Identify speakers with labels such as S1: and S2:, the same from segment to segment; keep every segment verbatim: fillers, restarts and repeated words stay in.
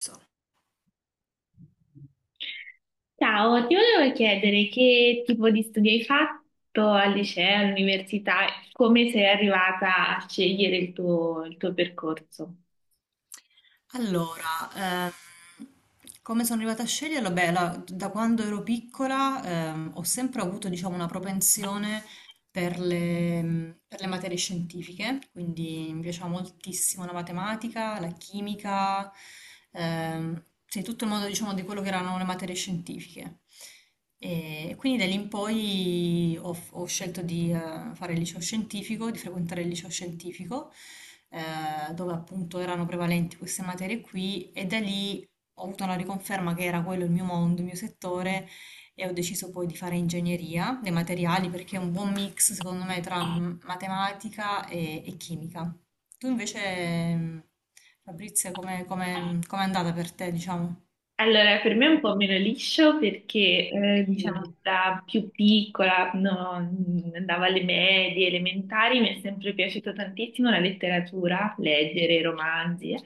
S1: So.
S2: Ciao, ti volevo chiedere che tipo di studi hai fatto al liceo, all'università, e come sei arrivata a scegliere il tuo, il tuo percorso?
S1: Allora, ehm, come sono arrivata a sceglierlo? Beh, la- da quando ero piccola ehm, ho sempre avuto, diciamo, una propensione per le, mh, per le materie scientifiche, quindi mi piaceva moltissimo la matematica, la chimica, ehm, sì, tutto il mondo, diciamo, di quello che erano le materie scientifiche. E quindi da lì in poi ho, ho scelto di eh, fare il liceo scientifico, di frequentare il liceo scientifico, eh, dove appunto erano prevalenti queste materie qui, e da lì ho avuto una riconferma che era quello il mio mondo, il mio settore, e ho deciso poi di fare ingegneria dei materiali perché è un buon mix secondo me tra m- matematica e, e chimica. Tu invece, mh, Fabrizia, come come- com'è andata per te, diciamo?
S2: Allora, per me è un po' meno liscio perché, eh, diciamo, da più piccola, quando andavo alle medie, elementari, mi è sempre piaciuta tantissimo la letteratura, leggere romanzi. eh.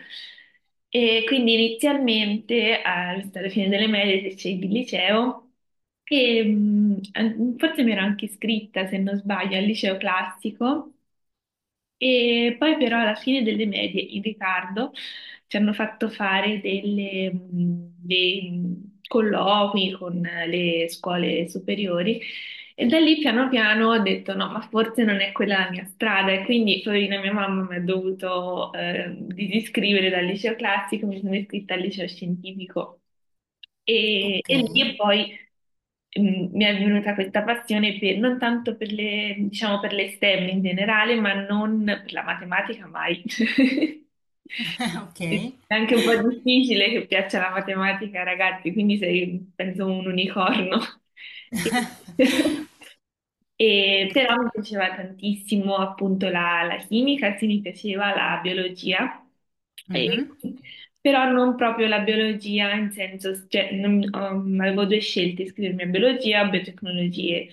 S2: E quindi inizialmente, al- alla fine delle medie, se scegli il liceo, e, mh, an- forse mi ero anche iscritta, se non sbaglio, al liceo classico. E poi però alla fine delle medie in ritardo ci hanno fatto fare delle, mh, dei mh, colloqui con le scuole superiori e da lì piano piano ho detto no, ma forse non è quella la mia strada e quindi poverina mia mamma mi ha dovuto eh, disiscrivere dal liceo classico, mi sono iscritta al liceo scientifico e,
S1: Ok,
S2: e lì e poi mm, mi è venuta questa passione per- non tanto per le, diciamo, per le STEM in generale, ma non per la matematica mai.
S1: ok,
S2: È anche un po' difficile che piaccia la matematica ai ragazzi, quindi sei, penso, un unicorno. E- e però mi
S1: purtroppo.
S2: piaceva tantissimo appunto la, la chimica, sì, mi piaceva la biologia. E-
S1: Mhm,
S2: Però non proprio la biologia in senso, cioè, non- um, avevo due scelte, iscrivermi a biologia o biotecnologie.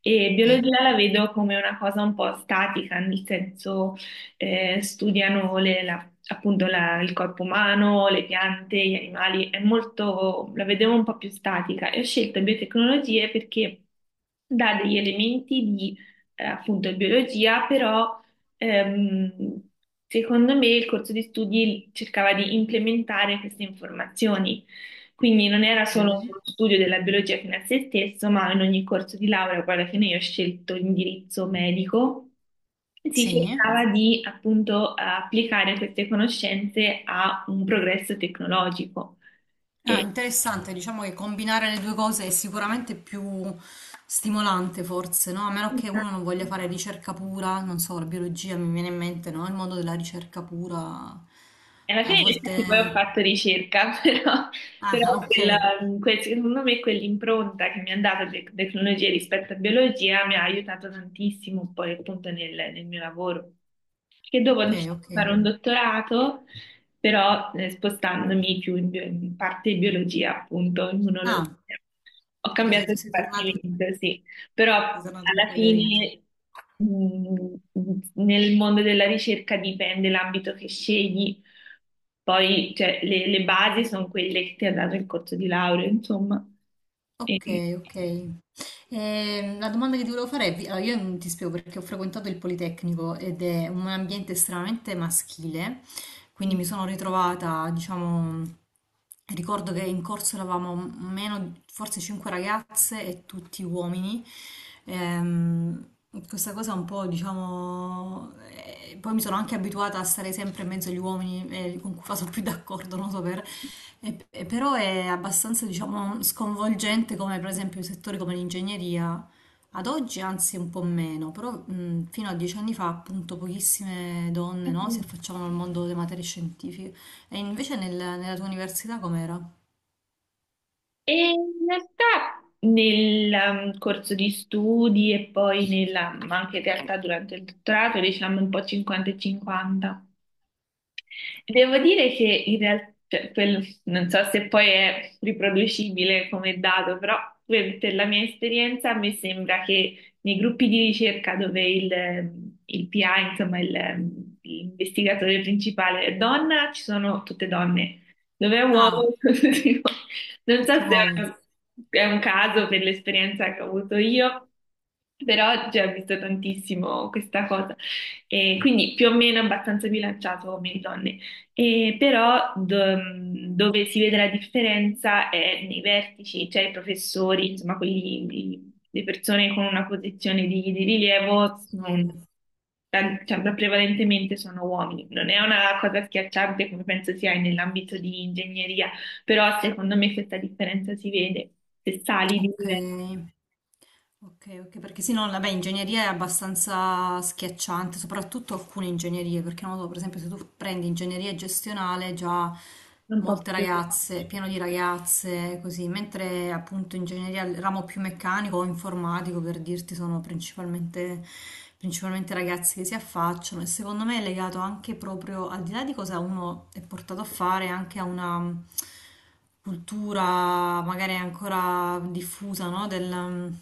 S2: E biologia
S1: ok,
S2: la vedo come una cosa un po' statica, nel senso eh, studiano le- la- appunto la- il corpo umano, le piante, gli animali, è molto, la vedevo un po' più statica e ho scelto biotecnologie perché dà degli elementi di eh, appunto biologia, però ehm, secondo me il corso di studi cercava di implementare queste informazioni. Quindi non era solo
S1: ok.
S2: uno studio della biologia fino a se stesso, ma in ogni corso di laurea, poi alla fine io ho scelto l'indirizzo medico, si
S1: Sì.
S2: cercava di appunto applicare queste conoscenze a un progresso tecnologico.
S1: Ah,
S2: E
S1: interessante, diciamo che combinare le due cose è sicuramente più stimolante forse, no? A meno che uno non voglia fare ricerca pura, non so, la biologia mi viene in mente, no? Il mondo della ricerca pura
S2: e alla
S1: a
S2: fine in
S1: volte...
S2: effetti poi ho fatto ricerca, però,
S1: Ah,
S2: però
S1: ok,
S2: quella- quel- secondo me quell'impronta che mi ha dato le tecnologie rispetto a biologia mi ha aiutato tantissimo poi appunto nel nel mio lavoro. Che dopo ho
S1: ok,
S2: deciso
S1: ok.
S2: di fare un dottorato, però eh, spostandomi più in, bio- in parte biologia, appunto, immunologia.
S1: Ah,
S2: Ho
S1: quindi
S2: cambiato
S1: sei, sei tornato,
S2: dipartimento, sì, però
S1: sei tornato un
S2: alla
S1: po' alle origini.
S2: fine mh, nel mondo della ricerca dipende l'ambito che scegli, poi cioè, le, le basi sono quelle che ti ha dato il corso di laurea, insomma.
S1: Ok,
S2: E-
S1: ok. Ehm, la domanda che ti volevo fare è, vi- allora, io non ti spiego perché ho frequentato il Politecnico ed è un ambiente estremamente maschile. Quindi mi sono ritrovata, diciamo, ricordo che in corso eravamo meno, forse cinque ragazze e tutti uomini. Ehm, questa cosa un po', diciamo, eh, poi mi sono anche abituata a stare sempre in mezzo agli uomini eh, con cui vado più d'accordo, non so per... E- e però è abbastanza, diciamo, sconvolgente come per esempio settori come l'ingegneria, ad oggi anzi un po' meno, però mh, fino a dieci anni fa appunto pochissime donne no, si affacciavano al mondo delle materie scientifiche. E invece nel- nella tua università com'era?
S2: E in realtà nel um, corso di studi e poi nella, ma anche in realtà durante il dottorato, diciamo un po' cinquanta e cinquanta. Devo dire che in realtà, non so se poi è riproducibile come dato, però per per la mia esperienza mi sembra che nei gruppi di ricerca dove il, il P A, insomma il- l'investigatore principale è donna, ci sono tutte donne. Dove è
S1: Ah,
S2: uomo, tutte di uo- non so
S1: tutti
S2: se è
S1: uomini.
S2: un, è un caso per l'esperienza che ho avuto io, però già ho visto tantissimo questa cosa. E quindi più o meno abbastanza bilanciato uomini e donne. E però do- dove si vede la differenza è nei vertici, cioè i professori, insomma, quelli, i- le persone con una posizione di, di rilievo, sono-
S1: Scrivo.
S2: tan- cioè, prevalentemente sono uomini. Non è una cosa schiacciante come penso sia nell'ambito di ingegneria, però secondo me questa differenza si vede se sali di livello
S1: Ok. Ok, ok, perché sì, no, vabbè, ingegneria è abbastanza schiacciante, soprattutto alcune ingegnerie, perché non lo so, per esempio, se tu prendi ingegneria gestionale, già
S2: un po'
S1: molte
S2: più.
S1: ragazze, pieno di ragazze, così, mentre appunto ingegneria, il ramo più meccanico o informatico, per dirti, sono principalmente, principalmente ragazzi che si affacciano e secondo me è legato anche proprio, al di là di cosa uno è portato a fare, anche a una cultura magari ancora diffusa, no? Del, mm,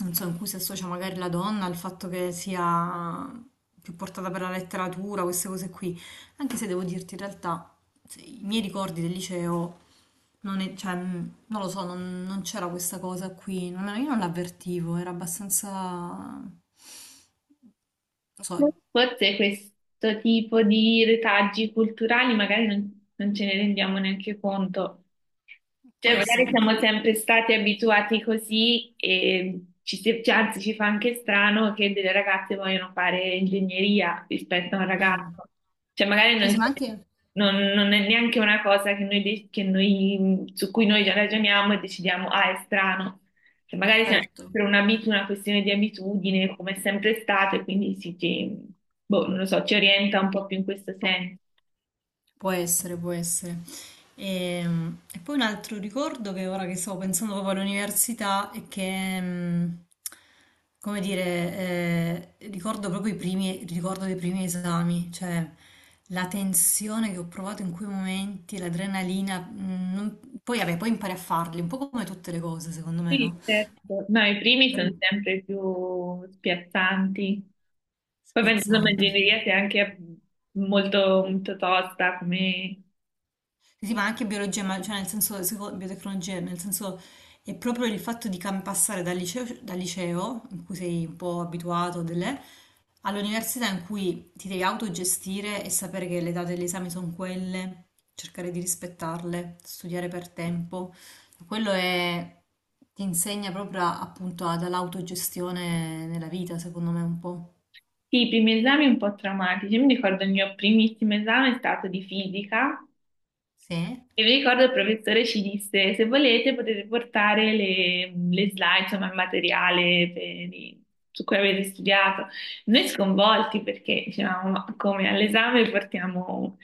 S1: non so, in cui si associa magari la donna al fatto che sia più portata per la letteratura, queste cose qui. Anche se devo dirti, in realtà, se- i miei ricordi del liceo, non è- cioè, mm, non lo so, non, non c'era questa cosa qui, non- io non l'avvertivo, era abbastanza... non so,
S2: Forse questo tipo di retaggi culturali magari non, non ce ne rendiamo neanche conto.
S1: può
S2: Cioè, magari
S1: essere.
S2: siamo sempre stati abituati così e ci, si- cioè, anzi ci fa anche strano che delle ragazze vogliono fare ingegneria rispetto a un
S1: Mm.
S2: ragazzo. Cioè, magari
S1: Sì,
S2: non,
S1: sì, ma
S2: c'è-
S1: anche...
S2: non- non è neanche una cosa che noi, de- che noi- su cui noi già ragioniamo e decidiamo, ah, è strano. Cioè, magari se-
S1: Certo.
S2: per un'abitu- una questione di abitudine, come è sempre stato, e quindi si, ci, boh, non lo so, ci orienta un po' più in questo senso.
S1: Può essere, può essere. Ehm, E, poi un altro ricordo che ora che stavo pensando proprio all'università è che, mh, come dire, eh, ricordo proprio i primi, ricordo dei primi esami, cioè la tensione che ho provato in quei momenti, l'adrenalina, mh, non- poi vabbè, poi impari a farli, un po' come tutte le cose, secondo me,
S2: Sì,
S1: no?
S2: certo. No, i primi sono sempre più spiazzanti. Poi penso che
S1: Spiazzanti. Sì.
S2: l'ingegneria sia anche molto, molto tosta, come...
S1: Sì, ma anche biologia, ma cioè nel senso, seco- biotecnologia, nel senso è proprio il fatto di cam- passare dal liceo, dal liceo, in cui sei un po' abituato, delle, all'università in cui ti devi autogestire e sapere che le date degli esami sono quelle, cercare di rispettarle, studiare per tempo. Quello è, ti insegna proprio a- appunto ad- all'autogestione nella vita, secondo me un po'.
S2: Sì, i primi esami un po' traumatici. Io mi ricordo il mio primissimo esame è stato di fisica.
S1: Sì,
S2: E mi ricordo il professore ci disse, se volete potete portare le, le slide, insomma il materiale per i- su cui avete studiato. Noi sconvolti perché dicevamo, ma come all'esame portiamo?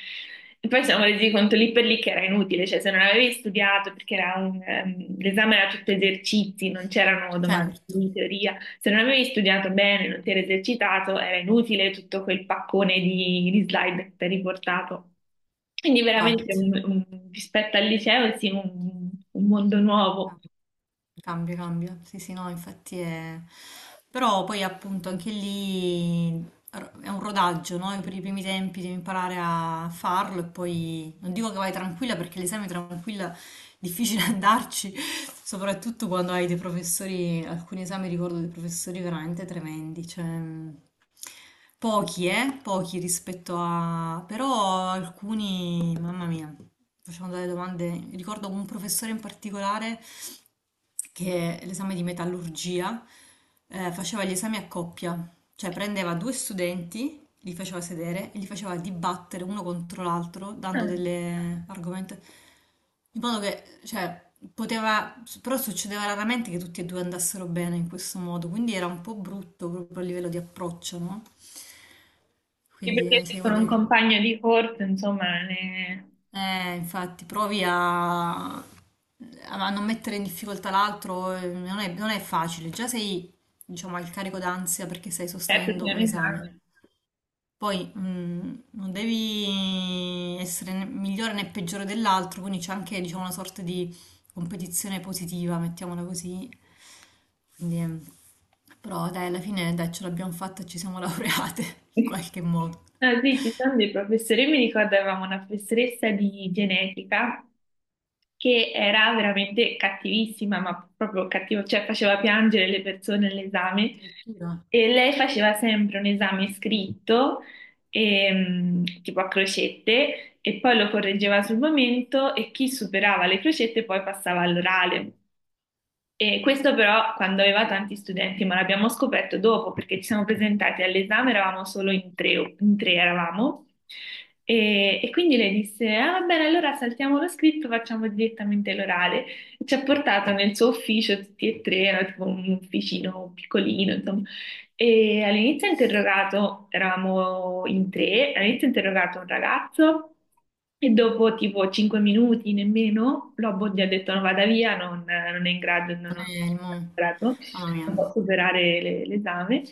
S2: E poi ci siamo resi conto lì per lì che era inutile, cioè se non avevi studiato, perché era un, ehm, l'esame era tutto esercizi, non c'erano domande
S1: certo,
S2: di teoria, se non avevi studiato bene, non ti eri esercitato, era inutile tutto quel paccone di, di slide che ti hai riportato. Quindi veramente
S1: infatti.
S2: un- un- rispetto al liceo sì, un, un mondo
S1: Ah,
S2: nuovo.
S1: cambia, cambia. Sì, sì, no, infatti è... Però poi appunto anche lì è un rodaggio, no? Io per i primi tempi devi imparare a farlo e poi non dico che vai tranquilla perché l'esame tranquilla è difficile andarci, soprattutto quando hai dei professori, alcuni esami ricordo dei professori veramente tremendi, cioè mm, pochi, eh, pochi rispetto a però alcuni, mamma mia, facevano delle domande, ricordo un professore in particolare che l'esame di metallurgia eh, faceva gli esami a coppia, cioè prendeva due studenti, li faceva sedere e li faceva dibattere uno contro l'altro,
S2: Ah,
S1: dando delle argomenti. In modo che, cioè, poteva, però succedeva raramente che tutti e due andassero bene in questo modo, quindi era un po' brutto proprio a livello di approccio, no?
S2: sì, perché
S1: Quindi, se io
S2: con un
S1: voglio-
S2: compagno di corso, insomma, ne.
S1: Eh, infatti, provi a, a non mettere in difficoltà l'altro, eh, non è, non è facile. Già sei, diciamo, al carico d'ansia perché stai
S2: Certo,
S1: sostenendo
S2: piano
S1: un
S2: piano.
S1: esame. Poi mh, non devi essere né migliore né peggiore dell'altro, quindi c'è anche, diciamo, una sorta di competizione positiva, mettiamola così. Quindi, ehm, però dai, alla fine dai, ce l'abbiamo fatta, e ci siamo laureate in qualche modo.
S2: Ah, sì, ci sono dei professori, mi ricordo avevamo una professoressa di genetica che era veramente cattivissima, ma proprio cattiva, cioè faceva piangere le persone all'esame
S1: Addirittura,
S2: e lei faceva sempre un esame scritto, ehm, tipo a crocette, e poi lo correggeva sul momento e chi superava le crocette poi passava all'orale. E questo però quando aveva tanti studenti, ma l'abbiamo scoperto dopo perché ci siamo presentati all'esame, eravamo solo in tre, in tre eravamo, e, e quindi lei disse, ah va bene, allora saltiamo lo scritto, facciamo direttamente l'orale. E ci ha portato nel suo ufficio tutti e tre, era tipo un ufficino piccolino, insomma, e all'inizio ha interrogato, eravamo in tre, all'inizio ha interrogato un ragazzo e dopo tipo cinque minuti nemmeno, Lobo gli ha detto no, vada via, non, non è in grado, non, non
S1: non
S2: è in
S1: è il mo-
S2: grado,
S1: mamma
S2: non
S1: mia.
S2: può superare le- l'esame.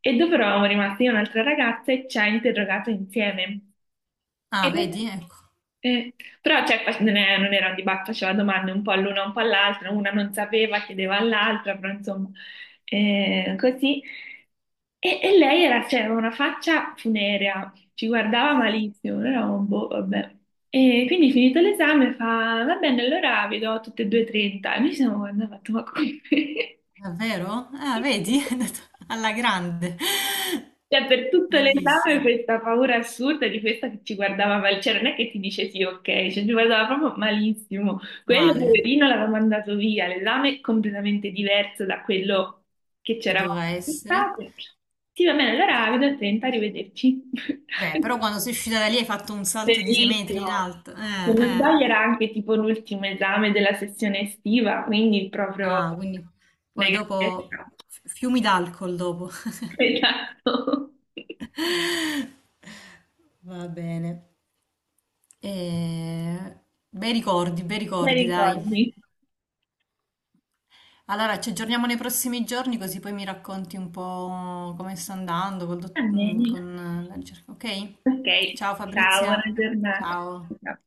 S2: E dopo eravamo rimasti io e un'altra ragazza e ci ha interrogato insieme.
S1: Ah,
S2: Ed è-
S1: vedi? Ecco,
S2: eh, però cioè, face- non, è- non era un dibattito, faceva domande un po' all'una, un po' all'altra, una non sapeva, chiedeva all'altra, però insomma, eh, così. E, e lei era, cioè, aveva una faccia funerea, ci guardava malissimo, noi eravamo, boh, vabbè. E quindi finito l'esame fa, va bene, allora vi do tutte e due trenta. E noi ci siamo guardati e abbiamo fatto, ma come?
S1: davvero? Ah, vedi? È andato alla grande.
S2: Cioè, per tutto l'esame
S1: Bellissimo.
S2: questa paura assurda di questa che ci guardava mal, cioè non è che ti dice sì, ok, cioè ci guardava proprio malissimo. Quello
S1: Male,
S2: poverino l'aveva mandato via, l'esame è completamente diverso da quello che
S1: che
S2: c'eravamo
S1: doveva essere.
S2: aspettati. Sì, va bene, allora vedo a trenta, arrivederci.
S1: Beh, però quando sei uscita da lì hai fatto un salto di sei metri in
S2: Bellissimo.
S1: alto. Eh,
S2: Se non
S1: eh.
S2: sbaglio era anche tipo l'ultimo esame della sessione estiva, quindi proprio
S1: Ah, quindi poi
S2: mega
S1: dopo
S2: festa.
S1: f- fiumi d'alcol dopo.
S2: Esatto.
S1: Va bene. Eh, Bei ricordi, bei
S2: Bei
S1: ricordi, dai.
S2: ricordi.
S1: Allora, ci aggiorniamo nei prossimi giorni così poi mi racconti un po' come sta andando col dott- mm,
S2: Almeno.
S1: con la ricerca, ok?
S2: Ok,
S1: Ciao
S2: ciao, buona
S1: Fabrizia,
S2: giornata.
S1: ciao.
S2: Ciao.